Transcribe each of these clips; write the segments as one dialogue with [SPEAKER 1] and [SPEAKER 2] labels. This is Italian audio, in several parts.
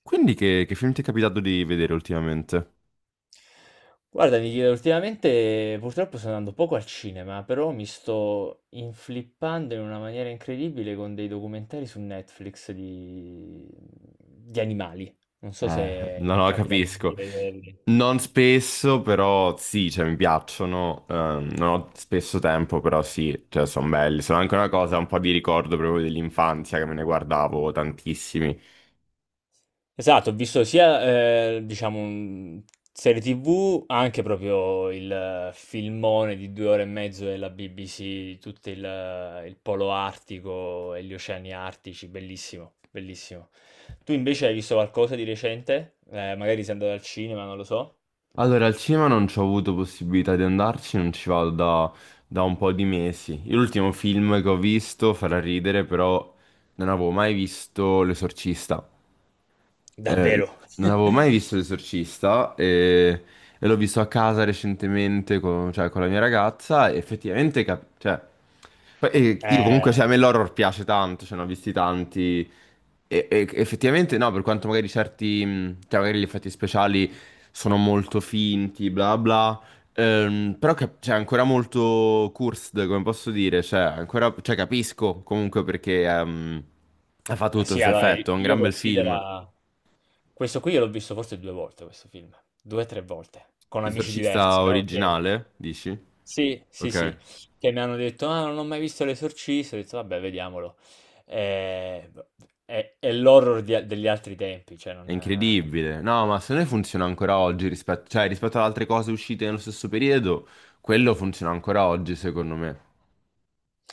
[SPEAKER 1] Quindi che film ti è capitato di vedere ultimamente?
[SPEAKER 2] Guarda, Michele, ultimamente purtroppo sto andando poco al cinema, però mi sto inflippando in una maniera incredibile con dei documentari su Netflix di animali. Non so se
[SPEAKER 1] No,
[SPEAKER 2] ti è
[SPEAKER 1] no,
[SPEAKER 2] capitato di
[SPEAKER 1] capisco.
[SPEAKER 2] vederli.
[SPEAKER 1] Non spesso, però sì, cioè mi piacciono. Non ho spesso tempo, però sì, cioè sono belli. Sono anche una cosa, un po' di ricordo proprio dell'infanzia che me ne guardavo tantissimi.
[SPEAKER 2] Esatto, ho visto sia, diciamo, serie TV, anche proprio il filmone di 2 ore e mezzo della BBC, tutto il polo artico e gli oceani artici, bellissimo, bellissimo. Tu invece hai visto qualcosa di recente? Magari sei andato al cinema, non lo so.
[SPEAKER 1] Allora, al cinema non ci ho avuto possibilità di andarci, non ci vado da un po' di mesi. L'ultimo film che ho visto farà ridere, però non avevo mai visto L'Esorcista. eh,
[SPEAKER 2] Davvero?
[SPEAKER 1] Non avevo mai visto L'Esorcista e l'ho visto a casa recentemente con, cioè, con la mia ragazza e effettivamente... cioè, poi, io comunque, cioè, a
[SPEAKER 2] Eh,
[SPEAKER 1] me l'horror piace tanto, cioè, ne ho visti tanti e effettivamente no, per quanto magari certi, cioè, magari gli effetti speciali sono molto finti, bla bla, però c'è ancora molto cursed, come posso dire, cioè, ancora, cioè, capisco comunque perché ha fatto
[SPEAKER 2] ma
[SPEAKER 1] tutto
[SPEAKER 2] sì,
[SPEAKER 1] questo
[SPEAKER 2] allora,
[SPEAKER 1] effetto, è un
[SPEAKER 2] io
[SPEAKER 1] gran bel film.
[SPEAKER 2] considero... Questo qui io l'ho visto forse 2 volte questo film, 2 o 3 volte, con amici
[SPEAKER 1] L'esorcista
[SPEAKER 2] diversi, no, che
[SPEAKER 1] originale, dici?
[SPEAKER 2] sì, sì, sì,
[SPEAKER 1] Ok.
[SPEAKER 2] che mi hanno detto: "Ah, non ho mai visto L'esorcista", ho detto: "Vabbè, vediamolo". V è l'horror di a degli altri tempi, cioè
[SPEAKER 1] È
[SPEAKER 2] non.
[SPEAKER 1] incredibile. No, ma secondo me funziona ancora oggi rispetto, cioè, rispetto ad altre cose uscite nello stesso periodo, quello funziona ancora oggi, secondo me.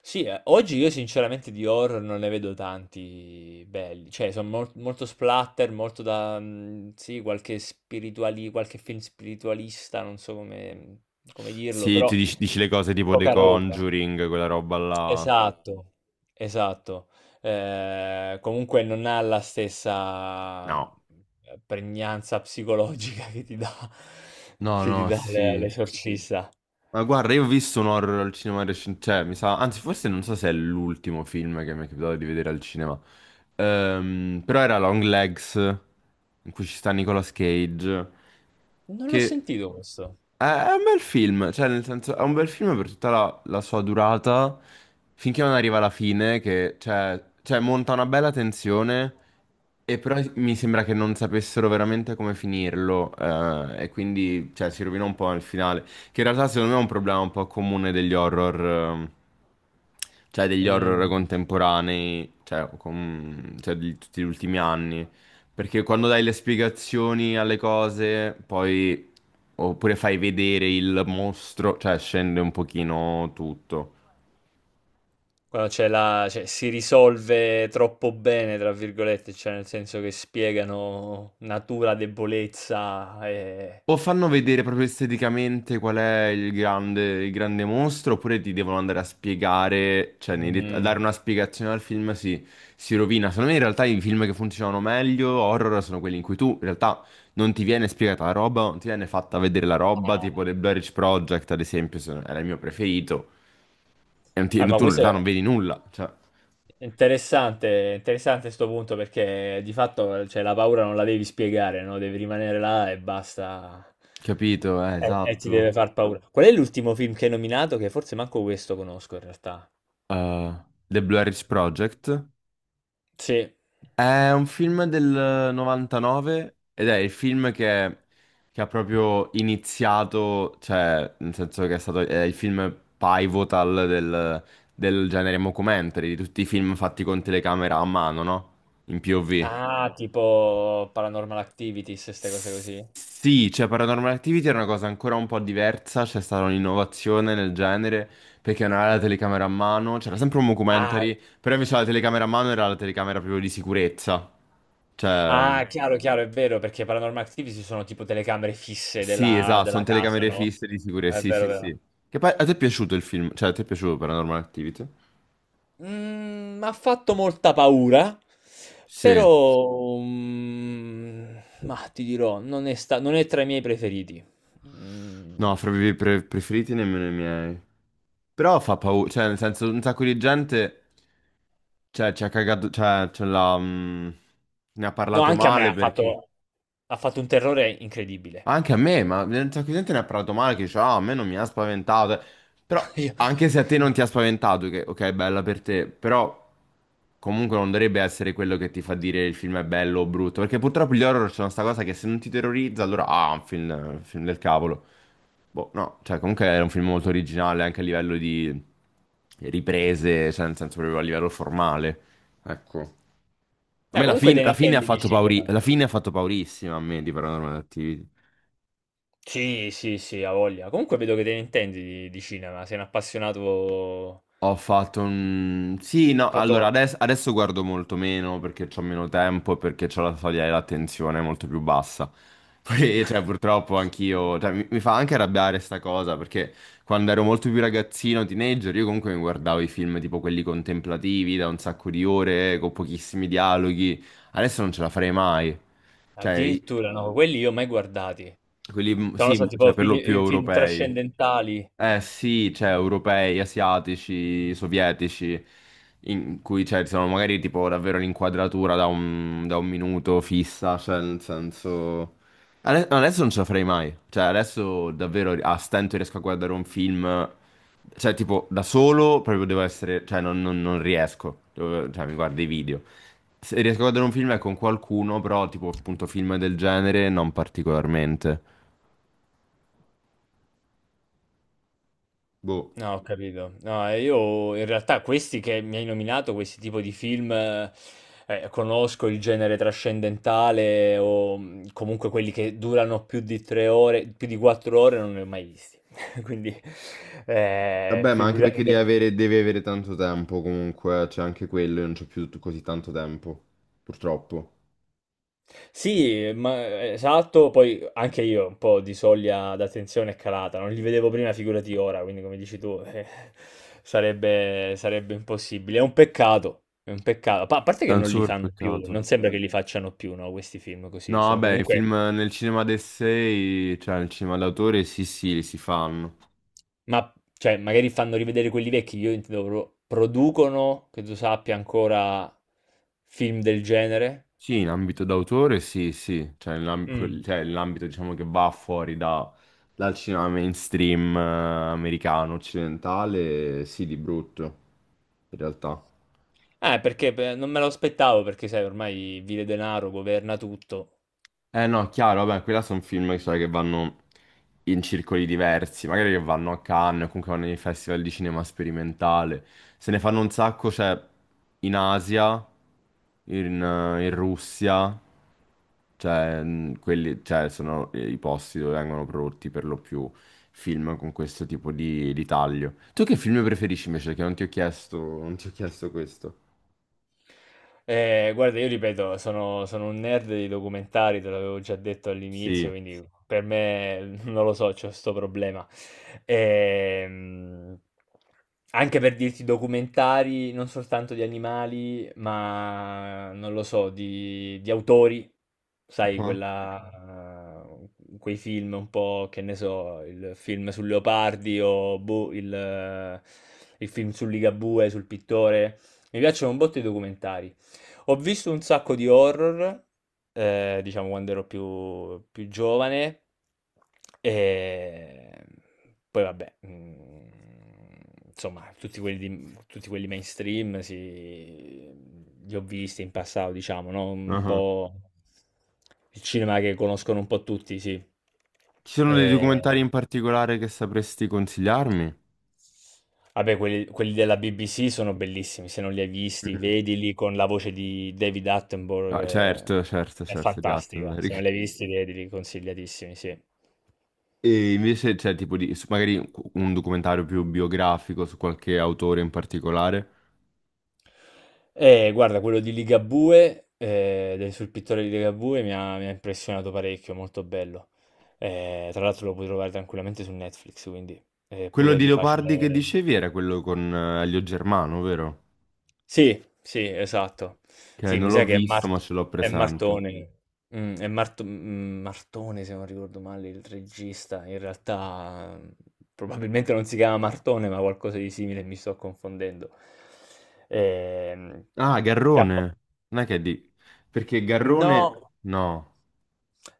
[SPEAKER 2] Sì, oggi io sinceramente di horror non ne vedo tanti belli, cioè son molto splatter, molto da, sì, qualche spirituali qualche film spiritualista, non so come dirlo,
[SPEAKER 1] Sì, ti
[SPEAKER 2] però
[SPEAKER 1] dici, dici le cose tipo The
[SPEAKER 2] poca roba.
[SPEAKER 1] Conjuring, quella roba là.
[SPEAKER 2] Esatto, esatto. Comunque non ha la stessa,
[SPEAKER 1] No.
[SPEAKER 2] pregnanza psicologica che ti dà
[SPEAKER 1] No,
[SPEAKER 2] che ti
[SPEAKER 1] no,
[SPEAKER 2] dà
[SPEAKER 1] sì.
[SPEAKER 2] l'Esorcista.
[SPEAKER 1] Ma guarda, io ho visto un horror al cinema recente, cioè, mi sa, anzi, forse non so se è l'ultimo film che mi è capitato di vedere al cinema. Però era Long Legs, in cui ci sta Nicolas Cage,
[SPEAKER 2] Non l'ho
[SPEAKER 1] che
[SPEAKER 2] sentito questo.
[SPEAKER 1] è un bel film, cioè, nel senso, è un bel film per tutta la sua durata, finché non arriva alla fine, che, cioè, monta una bella tensione, e però mi sembra che non sapessero veramente come finirlo, e quindi, cioè, si rovina un po' nel finale. Che in realtà secondo me è un problema un po' comune degli horror, cioè degli horror
[SPEAKER 2] Mhmm.
[SPEAKER 1] contemporanei, cioè, cioè di tutti gli ultimi anni. Perché quando dai le spiegazioni alle cose, poi oppure fai vedere il mostro, cioè scende un pochino tutto.
[SPEAKER 2] Quando c'è la cioè si risolve "troppo bene" tra virgolette, cioè nel senso che spiegano natura, debolezza e
[SPEAKER 1] O fanno vedere proprio esteticamente qual è il grande mostro, oppure ti devono andare a spiegare, cioè nei a
[SPEAKER 2] mhmm,
[SPEAKER 1] dare una spiegazione al film si rovina. Secondo me in realtà i film che funzionano meglio, horror, sono quelli in cui tu in realtà non ti viene spiegata la roba, non ti viene fatta vedere la roba,
[SPEAKER 2] eh.
[SPEAKER 1] tipo The Blair Witch Project ad esempio, era il mio preferito, e non
[SPEAKER 2] Eh,
[SPEAKER 1] ti-
[SPEAKER 2] ma
[SPEAKER 1] tu in
[SPEAKER 2] questo
[SPEAKER 1] realtà non
[SPEAKER 2] è
[SPEAKER 1] vedi nulla, cioè,
[SPEAKER 2] interessante, interessante sto punto perché di fatto cioè, la paura non la devi spiegare, no? Devi rimanere là e basta.
[SPEAKER 1] capito?
[SPEAKER 2] E ti deve
[SPEAKER 1] Esatto.
[SPEAKER 2] far paura. Qual è l'ultimo film che hai nominato? Che forse manco questo conosco in realtà.
[SPEAKER 1] Eh, The Blair Witch Project.
[SPEAKER 2] Sì.
[SPEAKER 1] È un film del 99 ed è il film che ha proprio iniziato, cioè, nel senso che è stato è il film pivotal del, del genere mockumentary, di tutti i film fatti con telecamera a mano, no? In POV.
[SPEAKER 2] Ah, tipo Paranormal Activities, queste cose così.
[SPEAKER 1] Sì, cioè Paranormal Activity era una cosa ancora un po' diversa, c'è stata un'innovazione nel genere, perché non era la telecamera a mano, c'era sempre un
[SPEAKER 2] Ah,
[SPEAKER 1] mockumentary, però invece la telecamera a mano era la telecamera proprio di sicurezza. Cioè...
[SPEAKER 2] ah, chiaro, chiaro, è vero, perché Paranormal Activities sono tipo telecamere fisse
[SPEAKER 1] Sì,
[SPEAKER 2] della,
[SPEAKER 1] esatto, sono
[SPEAKER 2] della casa,
[SPEAKER 1] telecamere
[SPEAKER 2] no?
[SPEAKER 1] fisse di sicurezza.
[SPEAKER 2] È
[SPEAKER 1] Sì,
[SPEAKER 2] vero,
[SPEAKER 1] sì,
[SPEAKER 2] è vero.
[SPEAKER 1] sì. Che poi a te è piaciuto il film? Cioè, a te è piaciuto Paranormal Activity?
[SPEAKER 2] M'ha fatto molta paura,
[SPEAKER 1] Sì.
[SPEAKER 2] però ma ti dirò, non è, non è tra i miei preferiti.
[SPEAKER 1] No,
[SPEAKER 2] Mm,
[SPEAKER 1] fra i miei preferiti nemmeno i miei. Però fa paura, cioè, nel senso, un sacco di gente, cioè, ci ha cagato, cioè, ce l'ha, ne ha
[SPEAKER 2] no,
[SPEAKER 1] parlato
[SPEAKER 2] anche a me
[SPEAKER 1] male perché...
[SPEAKER 2] ha fatto un terrore incredibile.
[SPEAKER 1] Anche a me, ma un sacco di gente ne ha parlato male, che dice, ah, a me non mi ha spaventato. Però,
[SPEAKER 2] Io-
[SPEAKER 1] anche se a te non ti ha spaventato, che ok, bella per te, però comunque non dovrebbe essere quello che ti fa dire il film è bello o brutto, perché purtroppo gli horror c'è questa cosa che se non ti terrorizza, allora, ah, un film del cavolo. Boh, no, cioè comunque era un film molto originale anche a livello di riprese, cioè nel senso proprio a livello formale. Ecco. A
[SPEAKER 2] Dai,
[SPEAKER 1] me la,
[SPEAKER 2] comunque te ne
[SPEAKER 1] la fine ha
[SPEAKER 2] intendi di
[SPEAKER 1] fatto
[SPEAKER 2] cinema.
[SPEAKER 1] la fine ha fatto paurissima a me di Paranormal Attività.
[SPEAKER 2] Sì, sì, sì, ha voglia. Comunque vedo che te ne intendi di cinema, sei un appassionato...
[SPEAKER 1] Ho fatto un... Sì, no,
[SPEAKER 2] Hai fatto...
[SPEAKER 1] allora adesso guardo molto meno perché ho meno tempo e perché ho la soglia dell'attenzione molto più bassa. Poi, cioè, purtroppo anch'io... Cioè, mi fa anche arrabbiare sta cosa perché quando ero molto più ragazzino, teenager, io comunque mi guardavo i film tipo quelli contemplativi da un sacco di ore, con pochissimi dialoghi. Adesso non ce la farei mai. Cioè,
[SPEAKER 2] Addirittura, no, quelli io mai guardati.
[SPEAKER 1] quelli,
[SPEAKER 2] Sono
[SPEAKER 1] sì,
[SPEAKER 2] stati
[SPEAKER 1] cioè,
[SPEAKER 2] tipo
[SPEAKER 1] per
[SPEAKER 2] film,
[SPEAKER 1] lo più
[SPEAKER 2] eh, film
[SPEAKER 1] europei.
[SPEAKER 2] trascendentali.
[SPEAKER 1] Eh sì, cioè europei, asiatici, sovietici, in cui cioè, sono magari tipo davvero l'inquadratura da da un minuto fissa, cioè nel senso... Adesso non ce la farei mai, cioè adesso davvero a stento riesco a guardare un film, cioè tipo da solo proprio devo essere, cioè non riesco, cioè mi guardo i video. Se riesco a guardare un film è con qualcuno, però tipo appunto film del genere non particolarmente. Boh.
[SPEAKER 2] No, ho capito. No, e io in realtà questi che mi hai nominato, questi tipo di film, conosco il genere trascendentale o comunque quelli che durano più di 3 ore, più di 4 ore, non ne ho mai visti. Quindi,
[SPEAKER 1] Vabbè, ma anche perché
[SPEAKER 2] figuriamoci.
[SPEAKER 1] devi avere tanto tempo comunque, c'è anche quello, io non c'ho più così tanto tempo, purtroppo.
[SPEAKER 2] Sì, ma esatto, poi anche io un po' di soglia d'attenzione è calata, non li vedevo prima, figurati ora, quindi come dici tu, sarebbe impossibile. È un peccato, è un peccato. A parte
[SPEAKER 1] È
[SPEAKER 2] che
[SPEAKER 1] un
[SPEAKER 2] non li
[SPEAKER 1] super
[SPEAKER 2] fanno più, non
[SPEAKER 1] peccato.
[SPEAKER 2] sembra che li facciano più, no, questi film
[SPEAKER 1] No,
[SPEAKER 2] così. Sono
[SPEAKER 1] vabbè, i film
[SPEAKER 2] comunque,
[SPEAKER 1] nel cinema d'essai, cioè nel cinema d'autore, sì, sì, li si fanno.
[SPEAKER 2] ma cioè, magari fanno rivedere quelli vecchi, io intendo producono, che tu sappia, ancora film del genere.
[SPEAKER 1] Sì, in ambito d'autore, sì, sì. Cioè,
[SPEAKER 2] Mm.
[SPEAKER 1] cioè, nell'ambito, diciamo, che va fuori dal cinema mainstream americano, occidentale, sì, di brutto, in realtà.
[SPEAKER 2] Perché beh, non me lo aspettavo, perché sai, ormai vile denaro governa tutto.
[SPEAKER 1] Eh no, chiaro, vabbè, quella sono film sai, che vanno in circoli diversi, magari che vanno a Cannes, o comunque vanno nei festival di cinema sperimentale. Se ne fanno un sacco, cioè, in Asia, in, in Russia, cioè, quelli, cioè, sono i posti dove vengono prodotti per lo più film con questo tipo di taglio. Tu che film preferisci invece? Che non ti ho chiesto, non ti ho chiesto questo.
[SPEAKER 2] Guarda, io ripeto, sono un nerd dei documentari, te l'avevo già detto all'inizio,
[SPEAKER 1] Sì.
[SPEAKER 2] quindi per me non lo so, c'ho questo problema. Ehm, anche per dirti documentari, non soltanto di animali, ma non lo so, di autori, sai,
[SPEAKER 1] Ah,
[SPEAKER 2] quei film un po', che ne so, il film sul Leopardi o boh, il film sul Ligabue, sul pittore. Mi piacciono un botto i documentari. Ho visto un sacco di horror, diciamo quando ero più giovane, e poi vabbè, insomma, tutti quelli, tutti quelli mainstream sì, li ho visti in passato, diciamo, no? Un
[SPEAKER 1] ah.
[SPEAKER 2] po' il cinema che conoscono un po' tutti, sì.
[SPEAKER 1] Ci sono dei
[SPEAKER 2] Eh,
[SPEAKER 1] documentari in particolare che sapresti consigliarmi?
[SPEAKER 2] Vabbè quelli della BBC sono bellissimi, se non li hai visti,
[SPEAKER 1] Mhm.
[SPEAKER 2] vedili con la voce di David Attenborough,
[SPEAKER 1] Ah,
[SPEAKER 2] che
[SPEAKER 1] certo, certo,
[SPEAKER 2] è
[SPEAKER 1] certo, di
[SPEAKER 2] fantastica. Se non
[SPEAKER 1] Attenberg.
[SPEAKER 2] li hai visti, vedili, consigliatissimi, sì.
[SPEAKER 1] E invece c'è tipo di, magari un documentario più biografico su qualche autore in particolare.
[SPEAKER 2] E guarda, quello di Ligabue, sul pittore di Ligabue, mi ha impressionato parecchio, molto bello. Tra l'altro lo puoi trovare tranquillamente su Netflix, quindi è
[SPEAKER 1] Quello
[SPEAKER 2] pure
[SPEAKER 1] di
[SPEAKER 2] di facile...
[SPEAKER 1] Leopardi che dicevi era quello con Elio Germano, vero?
[SPEAKER 2] Sì, sì, esatto.
[SPEAKER 1] Che
[SPEAKER 2] Sì,
[SPEAKER 1] non
[SPEAKER 2] mi
[SPEAKER 1] l'ho
[SPEAKER 2] sa che è
[SPEAKER 1] visto ma
[SPEAKER 2] Mart
[SPEAKER 1] ce l'ho
[SPEAKER 2] è
[SPEAKER 1] presente.
[SPEAKER 2] Martone. È Martone se non ricordo male il regista. In realtà, probabilmente non si chiama Martone, ma qualcosa di simile e mi sto confondendo. Ehm,
[SPEAKER 1] Ah, Garrone. Non è che è di... Perché Garrone...
[SPEAKER 2] no,
[SPEAKER 1] No.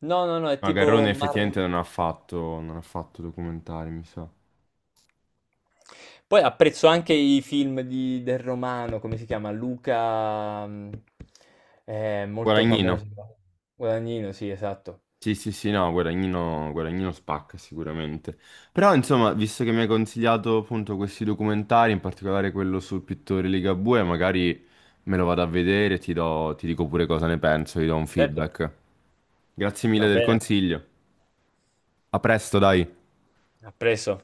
[SPEAKER 2] no, no, no, è
[SPEAKER 1] No,
[SPEAKER 2] tipo
[SPEAKER 1] Garrone
[SPEAKER 2] Mar,
[SPEAKER 1] effettivamente non ha fatto, non ha fatto documentari, mi sa.
[SPEAKER 2] poi apprezzo anche i film di del romano, come si chiama? Luca, molto
[SPEAKER 1] Guadagnino.
[SPEAKER 2] famoso. Guadagnino, sì, esatto.
[SPEAKER 1] Sì, sì, sì, no, Guadagnino, Guadagnino spacca sicuramente. Però, insomma, visto che mi hai consigliato appunto questi documentari, in particolare quello sul pittore Ligabue, magari me lo vado a vedere e ti dico pure cosa ne penso, ti do un
[SPEAKER 2] Certo,
[SPEAKER 1] feedback. Grazie
[SPEAKER 2] va
[SPEAKER 1] mille del
[SPEAKER 2] bene.
[SPEAKER 1] consiglio. A presto, dai.
[SPEAKER 2] Ha preso.